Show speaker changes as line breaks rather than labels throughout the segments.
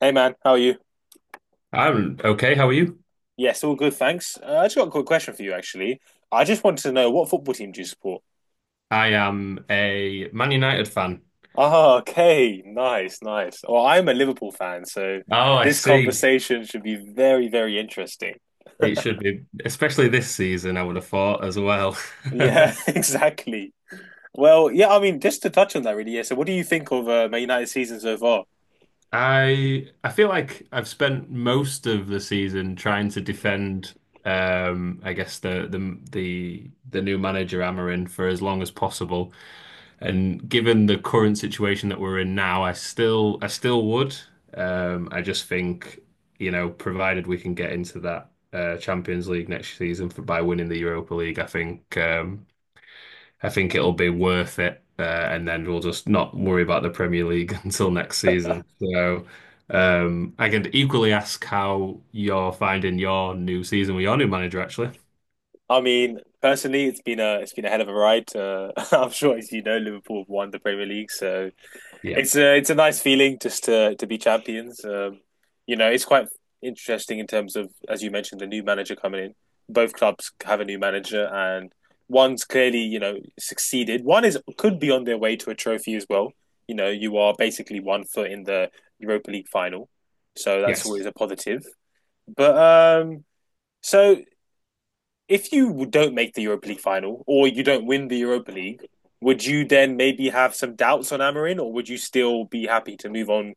Hey man, how are you?
I'm okay. How are you?
Yes, all good, thanks. I just got a quick question for you, actually. I just wanted to know what football team do you support?
I am a Man United fan.
Ah, okay, nice, nice. Well, I'm a Liverpool fan, so
Oh, I
this
see.
conversation should be very, very interesting.
It should be, especially this season, I would have thought as well.
Yeah, exactly. Well, yeah, I mean, just to touch on that, really. Yeah. So, what do you think of Man United's season so far?
I feel like I've spent most of the season trying to defend I guess the new manager Amorim for as long as possible. And given the current situation that we're in now, I still would. I just think, provided we can get into that Champions League next season by winning the Europa League, I think it'll be worth it. And then we'll just not worry about the Premier League until next season. So I can equally ask how you're finding your new season with your new manager, actually.
I mean, personally, it's been a hell of a ride. I'm sure, as you know, Liverpool have won the Premier League, so.
Yeah.
It's a nice feeling just to be champions. It's quite interesting in terms of, as you mentioned, the new manager coming in. Both clubs have a new manager, and one's clearly succeeded. One is could be on their way to a trophy as well. You are basically one foot in the Europa League final, so that's always
Yes.
a positive. But so if you don't make the Europa League final or you don't win the Europa League, would you then maybe have some doubts on Amarin, or would you still be happy to move on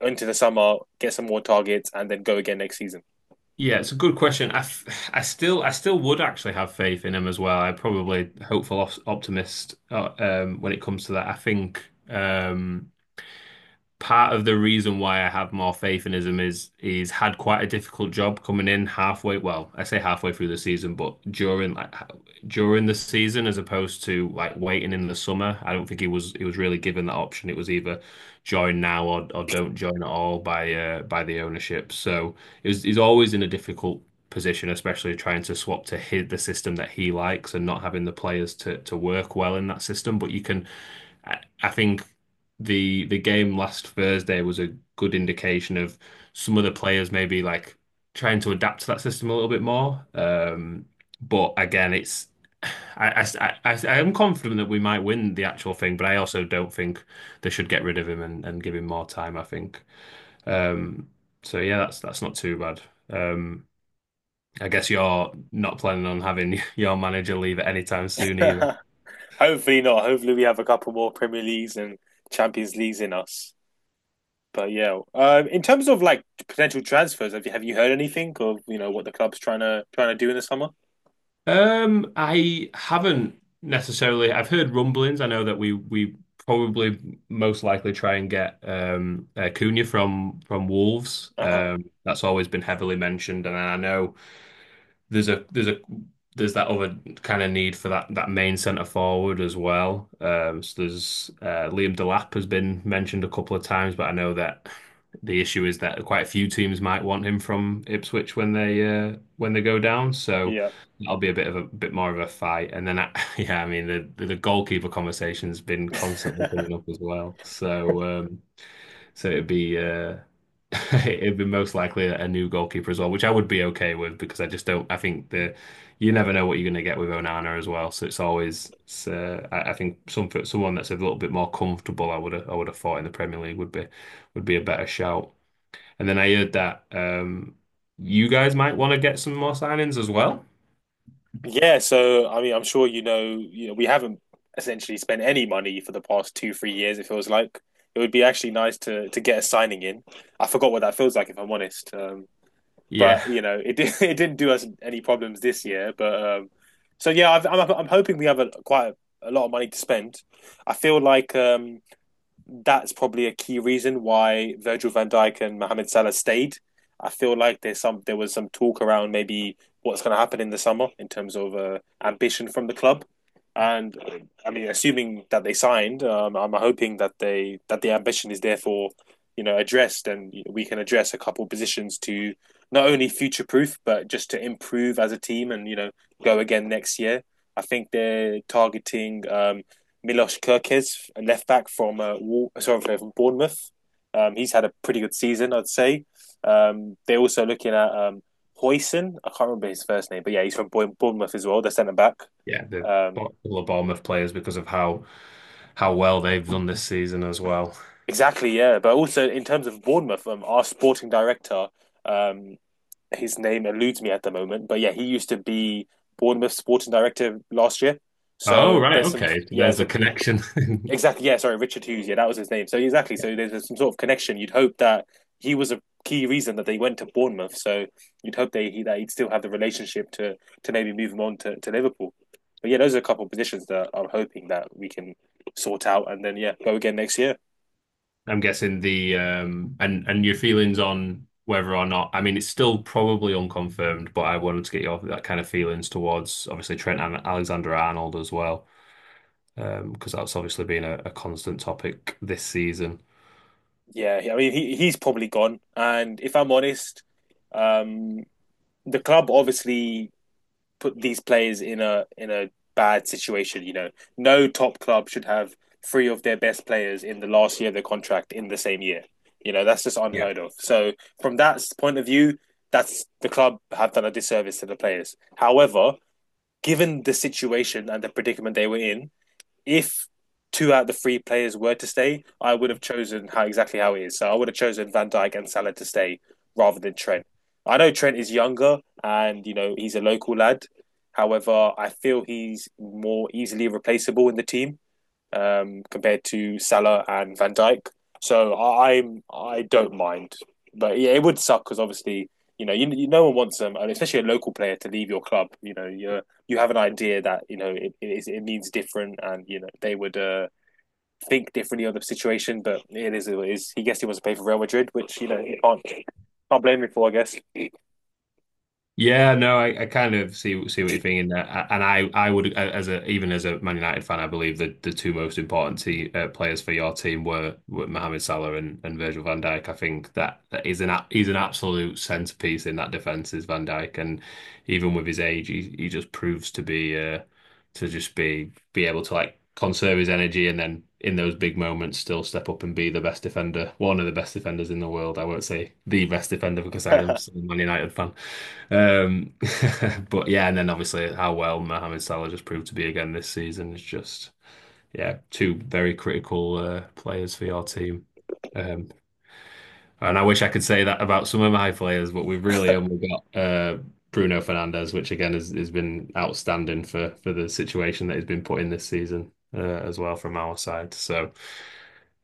into the summer, get some more targets, and then go again next season?
Yeah, it's a good question. I still would actually have faith in him as well. I'm probably optimist when it comes to that. I think um, part of the reason why I have more faith in him is he's had quite a difficult job coming in halfway. Well, I say halfway through the season, but during the season, as opposed to like waiting in the summer. I don't think he was really given that option. It was either join now or don't join at all by the ownership. So he's always in a difficult position, especially trying to swap to hit the system that he likes and not having the players to work well in that system. But you can. I think the game last Thursday was a good indication of some of the players maybe like trying to adapt to that system a little bit more. But again, it's I, I am confident that we might win the actual thing, but I also don't think they should get rid of him and give him more time, I think. Um, so yeah, that's not too bad. Um, I guess you're not planning on having your manager leave at any time soon either.
Hopefully not. Hopefully we have a couple more Premier Leagues and Champions Leagues in us. But yeah, in terms of like potential transfers, have you heard anything of what the club's trying to do in the summer?
I haven't necessarily. I've heard rumblings. I know that we probably most likely try and get Cunha from Wolves.
Uh huh.
That's always been heavily mentioned, and I know there's a there's a there's that other kind of need for that main centre forward as well. So there's Liam Delap has been mentioned a couple of times, but I know that the issue is that quite a few teams might want him from Ipswich when they go down. So
Yeah.
that'll be a bit more of a fight. And then yeah, I mean the goalkeeper conversation's been constantly coming up as well. So it'd be it'd be most likely a new goalkeeper as well, which I would be okay with because I just don't. I think that you never know what you're going to get with Onana as well. So it's always. I think someone that's a little bit more comfortable, I would have thought in the Premier League would be a better shout. And then I heard that you guys might want to get some more signings as well.
Yeah, so I mean, I'm sure we haven't essentially spent any money for the past two, 3 years, it feels like. It would be actually nice to get a signing in. I forgot what that feels like, if I'm honest. But
Yeah,
it didn't do us any problems this year. But so yeah, I'm hoping we have quite a lot of money to spend. I feel like that's probably a key reason why Virgil van Dijk and Mohamed Salah stayed. I feel like there was some talk around maybe what's going to happen in the summer in terms of ambition from the club. And I mean, assuming that they signed, I'm hoping that they that the ambition is therefore, addressed, and we can address a couple of positions to not only future proof, but just to improve as a team and go again next year. I think they're targeting Milos Kirkes, a left back from Wal- sorry from Bournemouth. He's had a pretty good season, I'd say. They're also looking at Hoyson. I can't remember his first name, but yeah, he's from Bournemouth as well. They're centre back.
yeah,
Um,
Couple of Bournemouth players because of how well they've done this season as well.
exactly, yeah. But also in terms of Bournemouth, our sporting director, um, his name eludes me at the moment, but yeah, he used to be Bournemouth sporting director last year.
Oh,
So
right,
there's some.
okay. So
Yeah,
there's the
so
connection.
exactly. Yeah. Sorry, Richard Hughes. Yeah, that was his name. So exactly. So there's some sort of connection. You'd hope that he was a key reason that they went to Bournemouth. So you'd hope that he'd still have the relationship to maybe move him on to Liverpool. But yeah, those are a couple of positions that I'm hoping that we can sort out and then yeah go again next year.
I'm guessing the and your feelings on whether or not, I mean, it's still probably unconfirmed, but I wanted to get your that kind of feelings towards obviously Trent and Alexander Arnold as well, because that's obviously been a constant topic this season.
Yeah. I mean, he's probably gone. And if I'm honest, um, the club obviously put these players in a bad situation. No top club should have three of their best players in the last year of their contract in the same year. That's just
Yeah.
unheard of. So from that point of view, that's the club have done a disservice to the players. However, given the situation and the predicament they were in, if two out of the three players were to stay, I would have chosen how exactly how it is. So I would have chosen Van Dijk and Salah to stay rather than Trent. I know Trent is younger and he's a local lad. However, I feel he's more easily replaceable in the team compared to Salah and Van Dijk. So I don't mind, but yeah, it would suck because obviously you know you, you no one wants them, and especially a local player to leave your club. You have an idea that it means different, and they would think differently on the situation. But it is he guessed he wants to play for Real Madrid, which you can't blame him for, I guess.
Yeah, no, I kind of see what you're thinking there, and I would a- as a even as a Man United fan, I believe that the two most important te players for your team were Mohamed Salah and Virgil van Dijk. I think that that is he's an absolute centerpiece in that defense is Van Dijk, and even with his age, he just proves to just be able to like conserve his energy and then in those big moments still step up and be the best defender, one of the best defenders in the world. I won't say the best defender because I am still a Man United fan. Um, but yeah, and then obviously how well Mohamed Salah just proved to be again this season is just yeah, two very critical players for your team. Um, and I wish I could say that about some of my players, but we've really only got Bruno Fernandes, which again has been outstanding for the situation that he's been put in this season as well from our side. So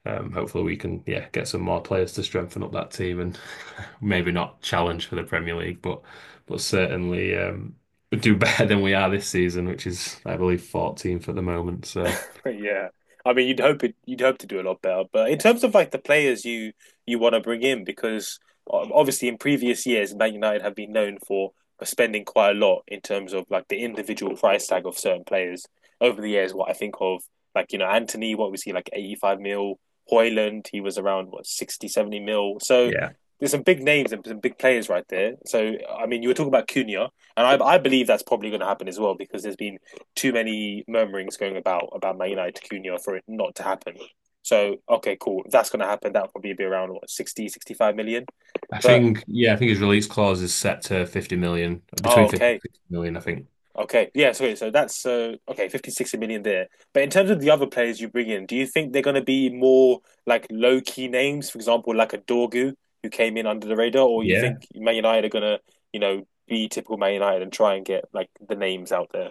hopefully we can yeah get some more players to strengthen up that team and maybe not challenge for the Premier League, but certainly do better than we are this season, which is I believe 14th at the moment. So
Yeah. I mean, you'd hope to do a lot better, but in terms of like the players you want to bring in, because obviously in previous years, Man United have been known for spending quite a lot in terms of like the individual price tag of certain players over the years. What I think of, like Anthony, what was he like, 85 mil? Hoyland, he was around what 60 70 mil. So
yeah,
there's some big names and some big players right there. So I mean, you were talking about Cunha, and I believe that's probably going to happen as well because there's been too many murmurings going about Man United Cunha for it not to happen. So okay, cool. If that's going to happen. That'll probably be around what 60, 65 million?
I
But
think yeah I think his release clause is set to 50 million,
oh,
between 50 and
okay,
60 million, I think.
okay, yeah. Sorry, so that's okay, 50, 60 million there. But in terms of the other players you bring in, do you think they're going to be more like low key names, for example, like a Dorgu who came in under the radar, or you
Yeah,
think Man United are going to, be typical Man United and try and get like the names out there?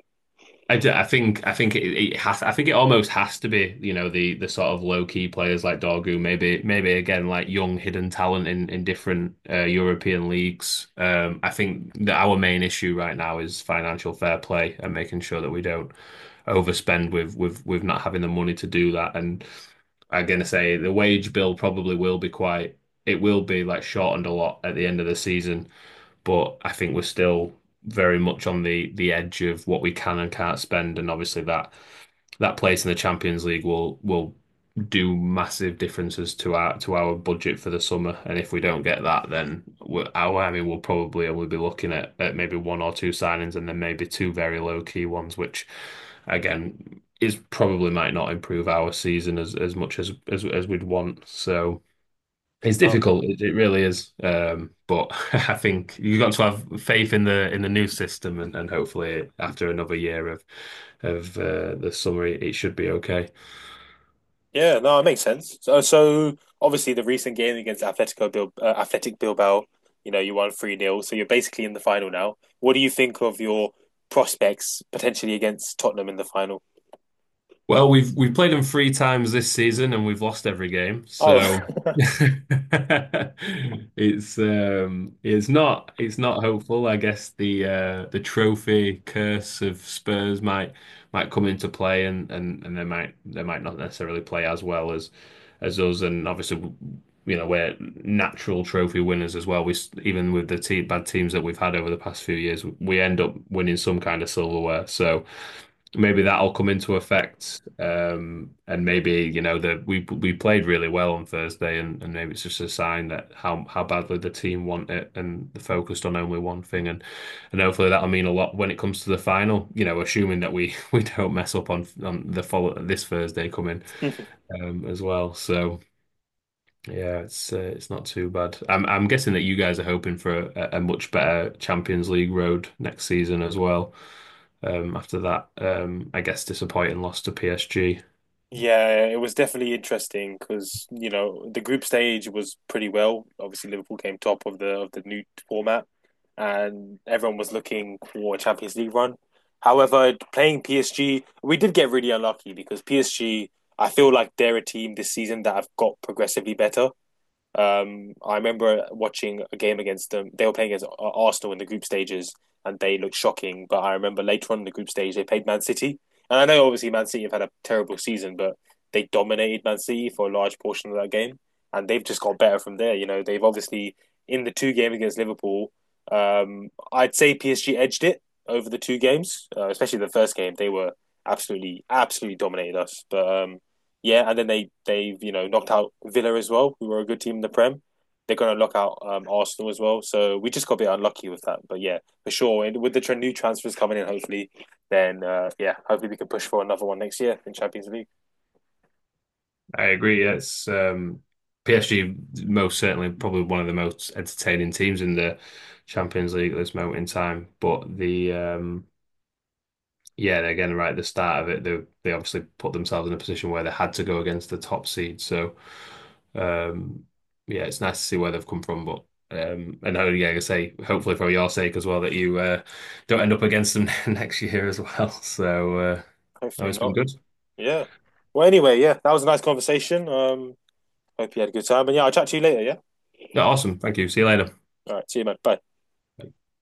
I think it, it has I think it almost has to be, the sort of low key players like Dorgu, maybe again like young hidden talent in different European leagues. I think that our main issue right now is financial fair play and making sure that we don't overspend with not having the money to do that. And I'm gonna say the wage bill probably will be quite it will be like shortened a lot at the end of the season, but I think we're still very much on the edge of what we can and can't spend, and obviously that place in the Champions League will do massive differences to our budget for the summer. And if we don't get that, then I mean, we'll probably only be looking at maybe one or two signings, and then maybe two very low key ones, which again is probably might not improve our season as much as we'd want. So. It's
I
difficult. It really is. But I think you've got to have faith in the new system, and hopefully after another year of the summer, it should be okay.
Yeah, no, it makes sense. So obviously the recent game against Atletico Bil Athletic Bilbao, you won 3 nil. So you're basically in the final now. What do you think of your prospects potentially against Tottenham in the final?
Well, we've played them three times this season and we've lost every game.
Oh.
So it's not hopeful. I guess the trophy curse of Spurs might come into play and they might not necessarily play as well as us, and obviously we're natural trophy winners as well. Even with the te bad teams that we've had over the past few years, we end up winning some kind of silverware. So maybe that'll come into effect. And maybe, that we played really well on Thursday, and maybe it's just a sign that how badly the team want it and they're focused on only one thing, and hopefully that'll mean a lot when it comes to the final, assuming that we we don't mess up on the follow this Thursday coming as well. So yeah, it's not too bad. I'm guessing that you guys are hoping for a much better Champions League road next season as well, after that, I guess disappointing loss to PSG.
Yeah, it was definitely interesting because the group stage was pretty well. Obviously, Liverpool came top of the new format, and everyone was looking for a Champions League run. However, playing PSG, we did get really unlucky because PSG, I feel like they're a team this season that have got progressively better. I remember watching a game against them. They were playing against Arsenal in the group stages, and they looked shocking. But I remember later on in the group stage, they played Man City, and I know obviously Man City have had a terrible season, but they dominated Man City for a large portion of that game, and they've just got better from there. They've obviously in the two game against Liverpool, I'd say PSG edged it over the two games, especially the first game. They were absolutely, absolutely dominated us. But yeah, and then they've knocked out Villa as well, who were a good team in the Prem. They're going to knock out Arsenal as well. So we just got a bit unlucky with that. But yeah, for sure. And with the new transfers coming in, hopefully, then yeah, hopefully we can push for another one next year in Champions League.
I agree. Yeah, It's PSG most certainly probably one of the most entertaining teams in the Champions League at this moment in time. But the yeah, and again, right at the start of it, they obviously put themselves in a position where they had to go against the top seed. So, um, yeah, it's nice to see where they've come from. But like I say, hopefully for your sake as well that you don't end up against them next year as well. So, no,
Hopefully
it's been
not.
good.
Yeah. Well, anyway, yeah, that was a nice conversation. Hope you had a good time. And yeah, I'll chat to you later. Yeah.
Yeah, awesome. Thank you. See you later.
All right. See you, man. Bye.